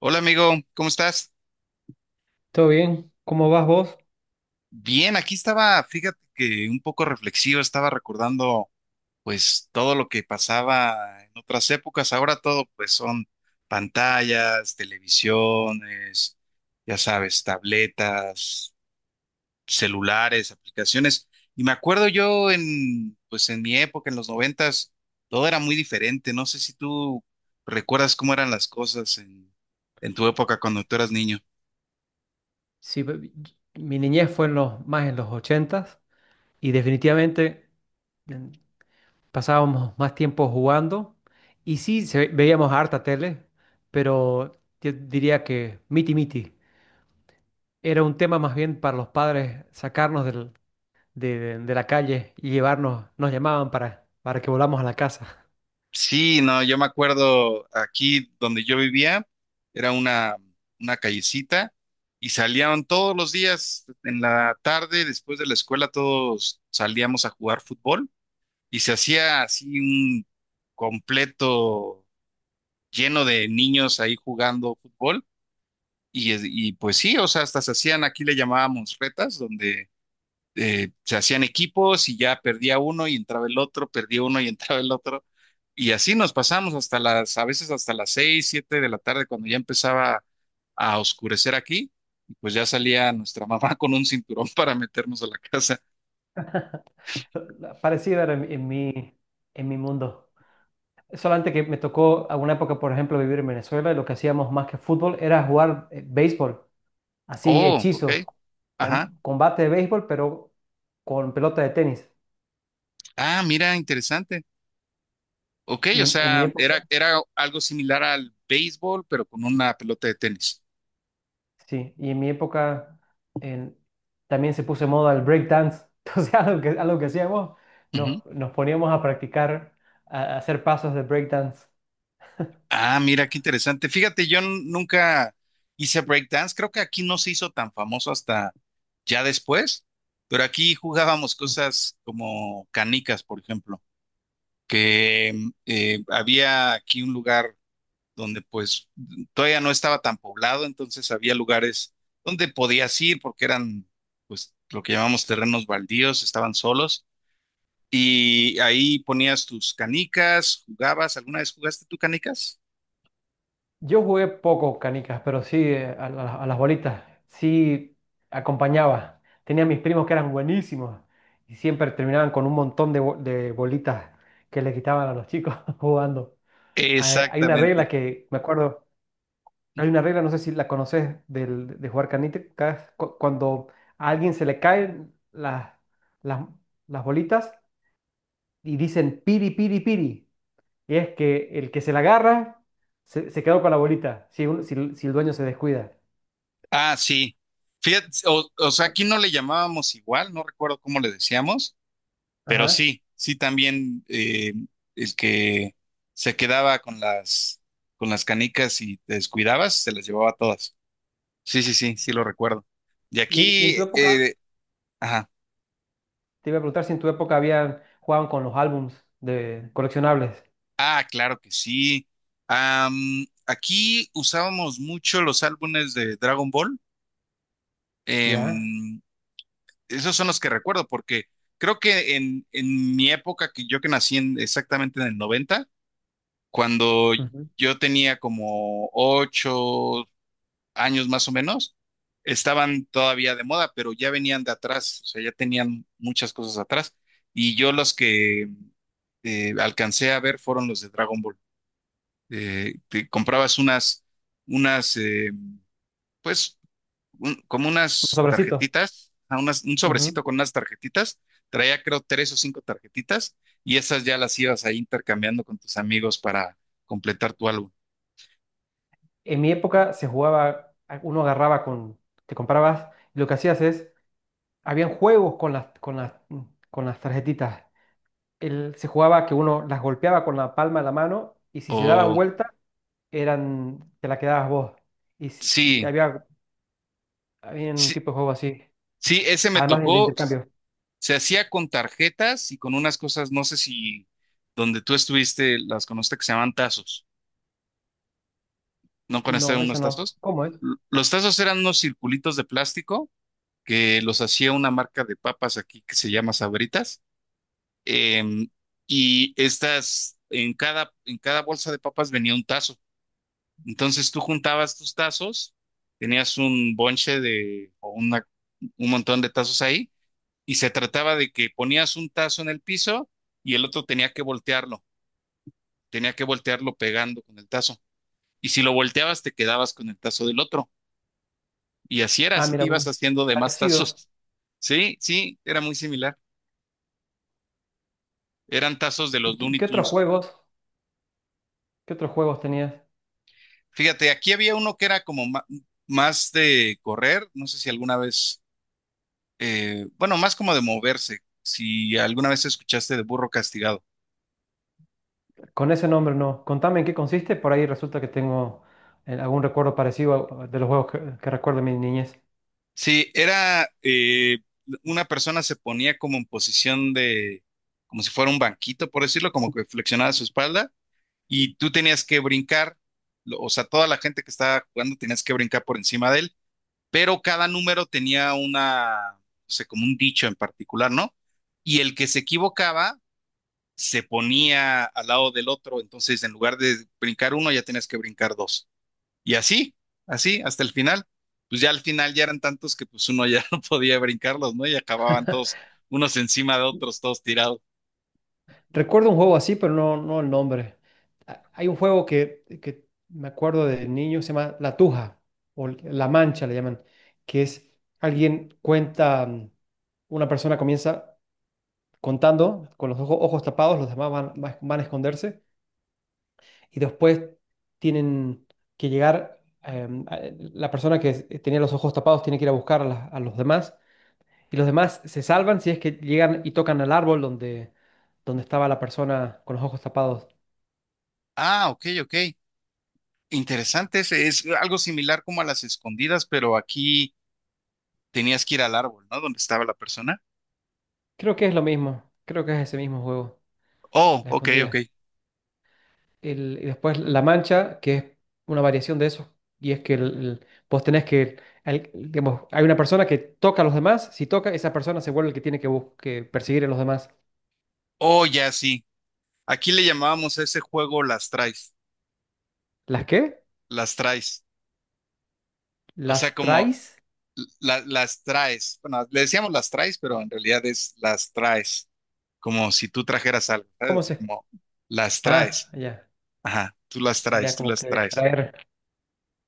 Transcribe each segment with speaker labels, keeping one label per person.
Speaker 1: Hola amigo, ¿cómo estás?
Speaker 2: ¿Todo bien? ¿Cómo vas vos?
Speaker 1: Bien, aquí estaba, fíjate que un poco reflexivo, estaba recordando pues todo lo que pasaba en otras épocas, ahora todo pues son pantallas, televisiones, ya sabes, tabletas, celulares, aplicaciones. Y me acuerdo yo en pues en mi época, en los 90, todo era muy diferente. No sé si tú recuerdas cómo eran las cosas en tu época cuando tú eras niño.
Speaker 2: Sí, mi niñez fue en más en los ochentas y definitivamente en- pasábamos más tiempo jugando y sí, veíamos harta tele, pero yo diría que miti miti. Era un tema más bien para los padres sacarnos de la calle y llevarnos, nos llamaban para que volamos a la casa.
Speaker 1: Sí, no, yo me acuerdo aquí donde yo vivía, era una callecita y salían todos los días en la tarde, después de la escuela, todos salíamos a jugar fútbol y se hacía así un completo lleno de niños ahí jugando fútbol y, y pues sí, o sea, hasta se hacían, aquí le llamábamos retas, donde se hacían equipos y ya perdía uno y entraba el otro, perdía uno y entraba el otro. Y así nos pasamos a veces hasta las 6, 7 de la tarde cuando ya empezaba a oscurecer aquí. Y pues ya salía nuestra mamá con un cinturón para meternos a la casa.
Speaker 2: Parecida era en mi mundo. Solamente que me tocó alguna época, por ejemplo, vivir en Venezuela y lo que hacíamos más que fútbol era jugar béisbol, así
Speaker 1: Oh, ok,
Speaker 2: hechizo,
Speaker 1: ajá.
Speaker 2: combate de béisbol, pero con pelota de tenis.
Speaker 1: Ah, mira, interesante. Ok,
Speaker 2: Y
Speaker 1: o
Speaker 2: en mi
Speaker 1: sea, era,
Speaker 2: época,
Speaker 1: era algo similar al béisbol, pero con una pelota de tenis.
Speaker 2: sí, y en mi época en- también se puso de moda el break dance. Entonces, algo que hacíamos,
Speaker 1: Ujú.
Speaker 2: nos poníamos a practicar, a hacer pasos de break dance.
Speaker 1: Ah, mira, qué interesante. Fíjate, yo nunca hice breakdance. Creo que aquí no se hizo tan famoso hasta ya después, pero aquí jugábamos cosas como canicas, por ejemplo, que había aquí un lugar donde pues todavía no estaba tan poblado, entonces había lugares donde podías ir porque eran pues lo que llamamos terrenos baldíos, estaban solos y ahí ponías tus canicas, jugabas. ¿Alguna vez jugaste tú canicas?
Speaker 2: Yo jugué poco canicas, pero sí a las bolitas. Sí acompañaba. Tenía mis primos que eran buenísimos y siempre terminaban con un montón de de bolitas que le quitaban a los chicos jugando. Hay una
Speaker 1: Exactamente.
Speaker 2: regla que me acuerdo, hay una regla, no sé si la conoces, de jugar canicas. Cuando a alguien se le caen las, las bolitas y dicen piri, piri, piri. Y es que el que se la agarra se quedó con la bolita, si el dueño se descuida.
Speaker 1: Ah, sí. Fíjate, o sea, aquí no le llamábamos igual, no recuerdo cómo le decíamos, pero
Speaker 2: Ajá.
Speaker 1: sí, sí también el que se quedaba con las, canicas y te descuidabas, se las llevaba todas. Sí, sí, sí, sí lo recuerdo. Y
Speaker 2: Y en
Speaker 1: aquí,
Speaker 2: tu época,
Speaker 1: ajá,
Speaker 2: te iba a preguntar si en tu época habían jugaban con los álbums de coleccionables,
Speaker 1: ah, claro que sí. Aquí usábamos mucho los álbumes de Dragon Ball.
Speaker 2: ¿ya?
Speaker 1: Em, Esos son los que recuerdo, porque creo que en mi época, que yo que nací exactamente en el 90, cuando
Speaker 2: Ujú. Un
Speaker 1: yo tenía como 8 años más o menos, estaban todavía de moda, pero ya venían de atrás, o sea, ya tenían muchas cosas atrás. Y yo los que alcancé a ver fueron los de Dragon Ball. Te comprabas unas, pues como unas
Speaker 2: sobrecito.
Speaker 1: tarjetitas, un
Speaker 2: Ujú.
Speaker 1: sobrecito con unas tarjetitas, traía creo tres o cinco tarjetitas y esas ya las ibas ahí intercambiando con tus amigos para completar tu álbum.
Speaker 2: En mi época se jugaba, uno agarraba con, te comprabas, y lo que hacías es, habían juegos con las tarjetitas. Se jugaba que uno las golpeaba con la palma de la mano y si se daban
Speaker 1: Oh,
Speaker 2: vuelta, eran, te la quedabas vos. Y, y te
Speaker 1: sí,
Speaker 2: había. Había un
Speaker 1: sí,
Speaker 2: tipo de juego así.
Speaker 1: sí, ese me
Speaker 2: Además de
Speaker 1: tocó,
Speaker 2: intercambio.
Speaker 1: se hacía con tarjetas y con unas cosas, no sé si donde tú estuviste las conociste que se llaman tazos, ¿no conociste
Speaker 2: No, eso
Speaker 1: unos
Speaker 2: no.
Speaker 1: tazos?
Speaker 2: ¿Cómo es?
Speaker 1: Los tazos eran unos circulitos de plástico que los hacía una marca de papas aquí que se llama Sabritas, eh, y estas, en cada, bolsa de papas venía un tazo. Entonces tú juntabas tus tazos, tenías un bonche de, o una, un montón de tazos ahí, y se trataba de que ponías un tazo en el piso y el otro tenía que voltearlo pegando con el tazo. Y si lo volteabas, te quedabas con el tazo del otro. Y así era,
Speaker 2: Ah,
Speaker 1: así te
Speaker 2: mira,
Speaker 1: ibas
Speaker 2: pues,
Speaker 1: haciendo de más
Speaker 2: parecido.
Speaker 1: tazos. Sí, sí, era muy similar. Eran tazos de
Speaker 2: ¿Y
Speaker 1: los
Speaker 2: qué,
Speaker 1: Looney
Speaker 2: qué otros
Speaker 1: Tunes.
Speaker 2: juegos? ¿Qué otros juegos tenías?
Speaker 1: Fíjate, aquí había uno que era como más de correr, no sé si alguna vez, bueno, más como de moverse, si alguna vez escuchaste de burro castigado.
Speaker 2: Con ese nombre no. Contame en qué consiste. Por ahí resulta que tengo algún recuerdo parecido de los juegos que recuerdo de mi niñez.
Speaker 1: Sí, era una persona se ponía como en posición de, como si fuera un banquito, por decirlo, como que flexionaba su espalda y tú tenías que brincar, o sea, toda la gente que estaba jugando tenías que brincar por encima de él, pero cada número tenía una, o sea, como un dicho en particular, ¿no? Y el que se equivocaba se ponía al lado del otro, entonces en lugar de brincar uno, ya tenías que brincar dos. Y así, así, hasta el final. Pues ya al final ya eran tantos que pues uno ya no podía brincarlos, ¿no? Y acababan todos unos encima de otros, todos tirados.
Speaker 2: Recuerdo un juego así, pero no, no el nombre. Hay un juego que me acuerdo de niño, se llama La Tuja, o La Mancha le llaman, que es alguien cuenta, una persona comienza contando con los ojos tapados, los demás van a esconderse y después tienen que llegar, la persona que tenía los ojos tapados tiene que ir a buscar a los demás y los demás se salvan si es que llegan y tocan al árbol donde estaba la persona con los ojos tapados.
Speaker 1: Ah, ok, ok. Interesante, es algo similar como a las escondidas, pero aquí tenías que ir al árbol, ¿no? Donde estaba la persona.
Speaker 2: Creo que es lo mismo, creo que es ese mismo juego,
Speaker 1: Oh,
Speaker 2: la
Speaker 1: ok, ok.
Speaker 2: escondida. Y después la mancha, que es una variación de eso, y es que vos tenés que, digamos, hay una persona que toca a los demás, si toca, esa persona se vuelve el que tiene que, que perseguir a los demás.
Speaker 1: Oh, ya sí. Aquí le llamábamos a ese juego las traes,
Speaker 2: ¿Las qué?
Speaker 1: las traes. O sea,
Speaker 2: ¿Las
Speaker 1: como
Speaker 2: traes?
Speaker 1: las traes. Bueno, le decíamos las traes, pero en realidad es las traes, como si tú trajeras algo, ¿sabes?
Speaker 2: ¿Cómo
Speaker 1: Así
Speaker 2: se?
Speaker 1: como las
Speaker 2: Ah,
Speaker 1: traes.
Speaker 2: ya,
Speaker 1: Ajá, tú las traes,
Speaker 2: ya
Speaker 1: tú
Speaker 2: como
Speaker 1: las
Speaker 2: que
Speaker 1: traes.
Speaker 2: traer,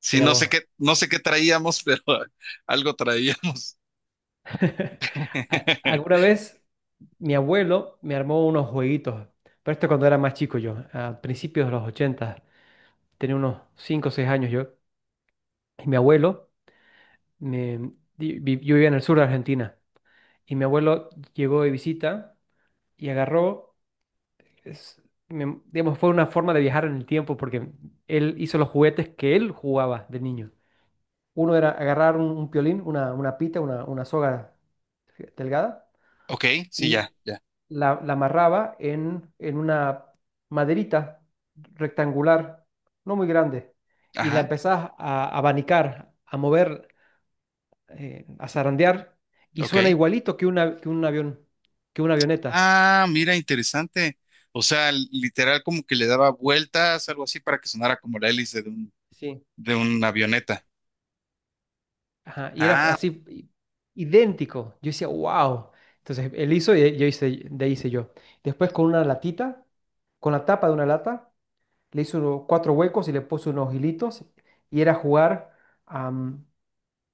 Speaker 1: Sí,
Speaker 2: mira
Speaker 1: no sé
Speaker 2: vos.
Speaker 1: qué, no sé qué traíamos, pero algo traíamos.
Speaker 2: Alguna vez mi abuelo me armó unos jueguitos, pero esto cuando era más chico yo, a principios de los 80, tenía unos 5 o 6 años yo, y mi abuelo, yo vivía en el sur de Argentina y mi abuelo llegó de visita y agarró, es- digamos, fue una forma de viajar en el tiempo porque él hizo los juguetes que él jugaba de niño. Uno era agarrar un piolín, una pita, una soga delgada
Speaker 1: Ok, sí,
Speaker 2: y
Speaker 1: ya, ya.
Speaker 2: la amarraba en una maderita rectangular, no muy grande, y la
Speaker 1: Ajá,
Speaker 2: empezás a abanicar, a mover a zarandear y
Speaker 1: ok.
Speaker 2: suena igualito que un avión, que una avioneta.
Speaker 1: Ah, mira, interesante. O sea, literal como que le daba vueltas, algo así, para que sonara como la hélice de un,
Speaker 2: Sí.
Speaker 1: de una avioneta.
Speaker 2: Ajá, y era
Speaker 1: Ah,
Speaker 2: así, idéntico. Yo decía, wow. Entonces él hizo y yo hice, de ahí hice yo. Después con una latita, con la tapa de una lata, le hizo cuatro huecos y le puso unos hilitos y era jugar.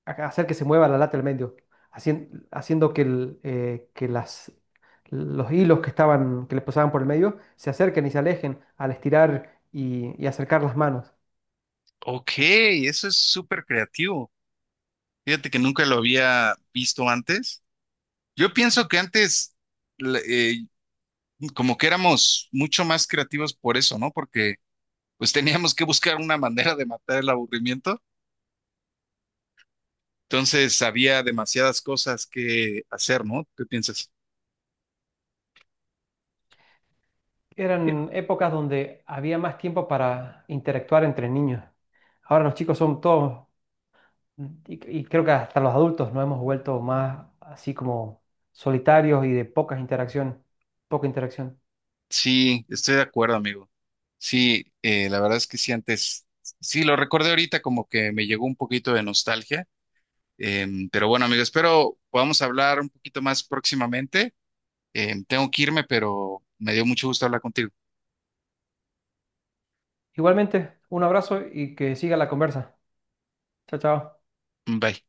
Speaker 2: Hacer que se mueva la lata al medio, haciendo que, el, que las, los hilos que estaban, que le pasaban por el medio se acerquen y se alejen al estirar y acercar las manos.
Speaker 1: ok, eso es súper creativo. Fíjate que nunca lo había visto antes. Yo pienso que antes le- eh, como que éramos mucho más creativos por eso, ¿no? Porque pues teníamos que buscar una manera de matar el aburrimiento. Entonces había demasiadas cosas que hacer, ¿no? ¿Qué piensas?
Speaker 2: Eran épocas donde había más tiempo para interactuar entre niños. Ahora los chicos son todos, y creo que hasta los adultos nos hemos vuelto más así como solitarios y de pocas interacciones, poca interacción.
Speaker 1: Sí, estoy de acuerdo, amigo. Sí, la verdad es que sí, antes, sí, lo recordé ahorita como que me llegó un poquito de nostalgia. Pero bueno, amigo, espero podamos hablar un poquito más próximamente. Tengo que irme, pero me dio mucho gusto hablar contigo.
Speaker 2: Igualmente, un abrazo y que siga la conversa. Chao, chao.
Speaker 1: Bye.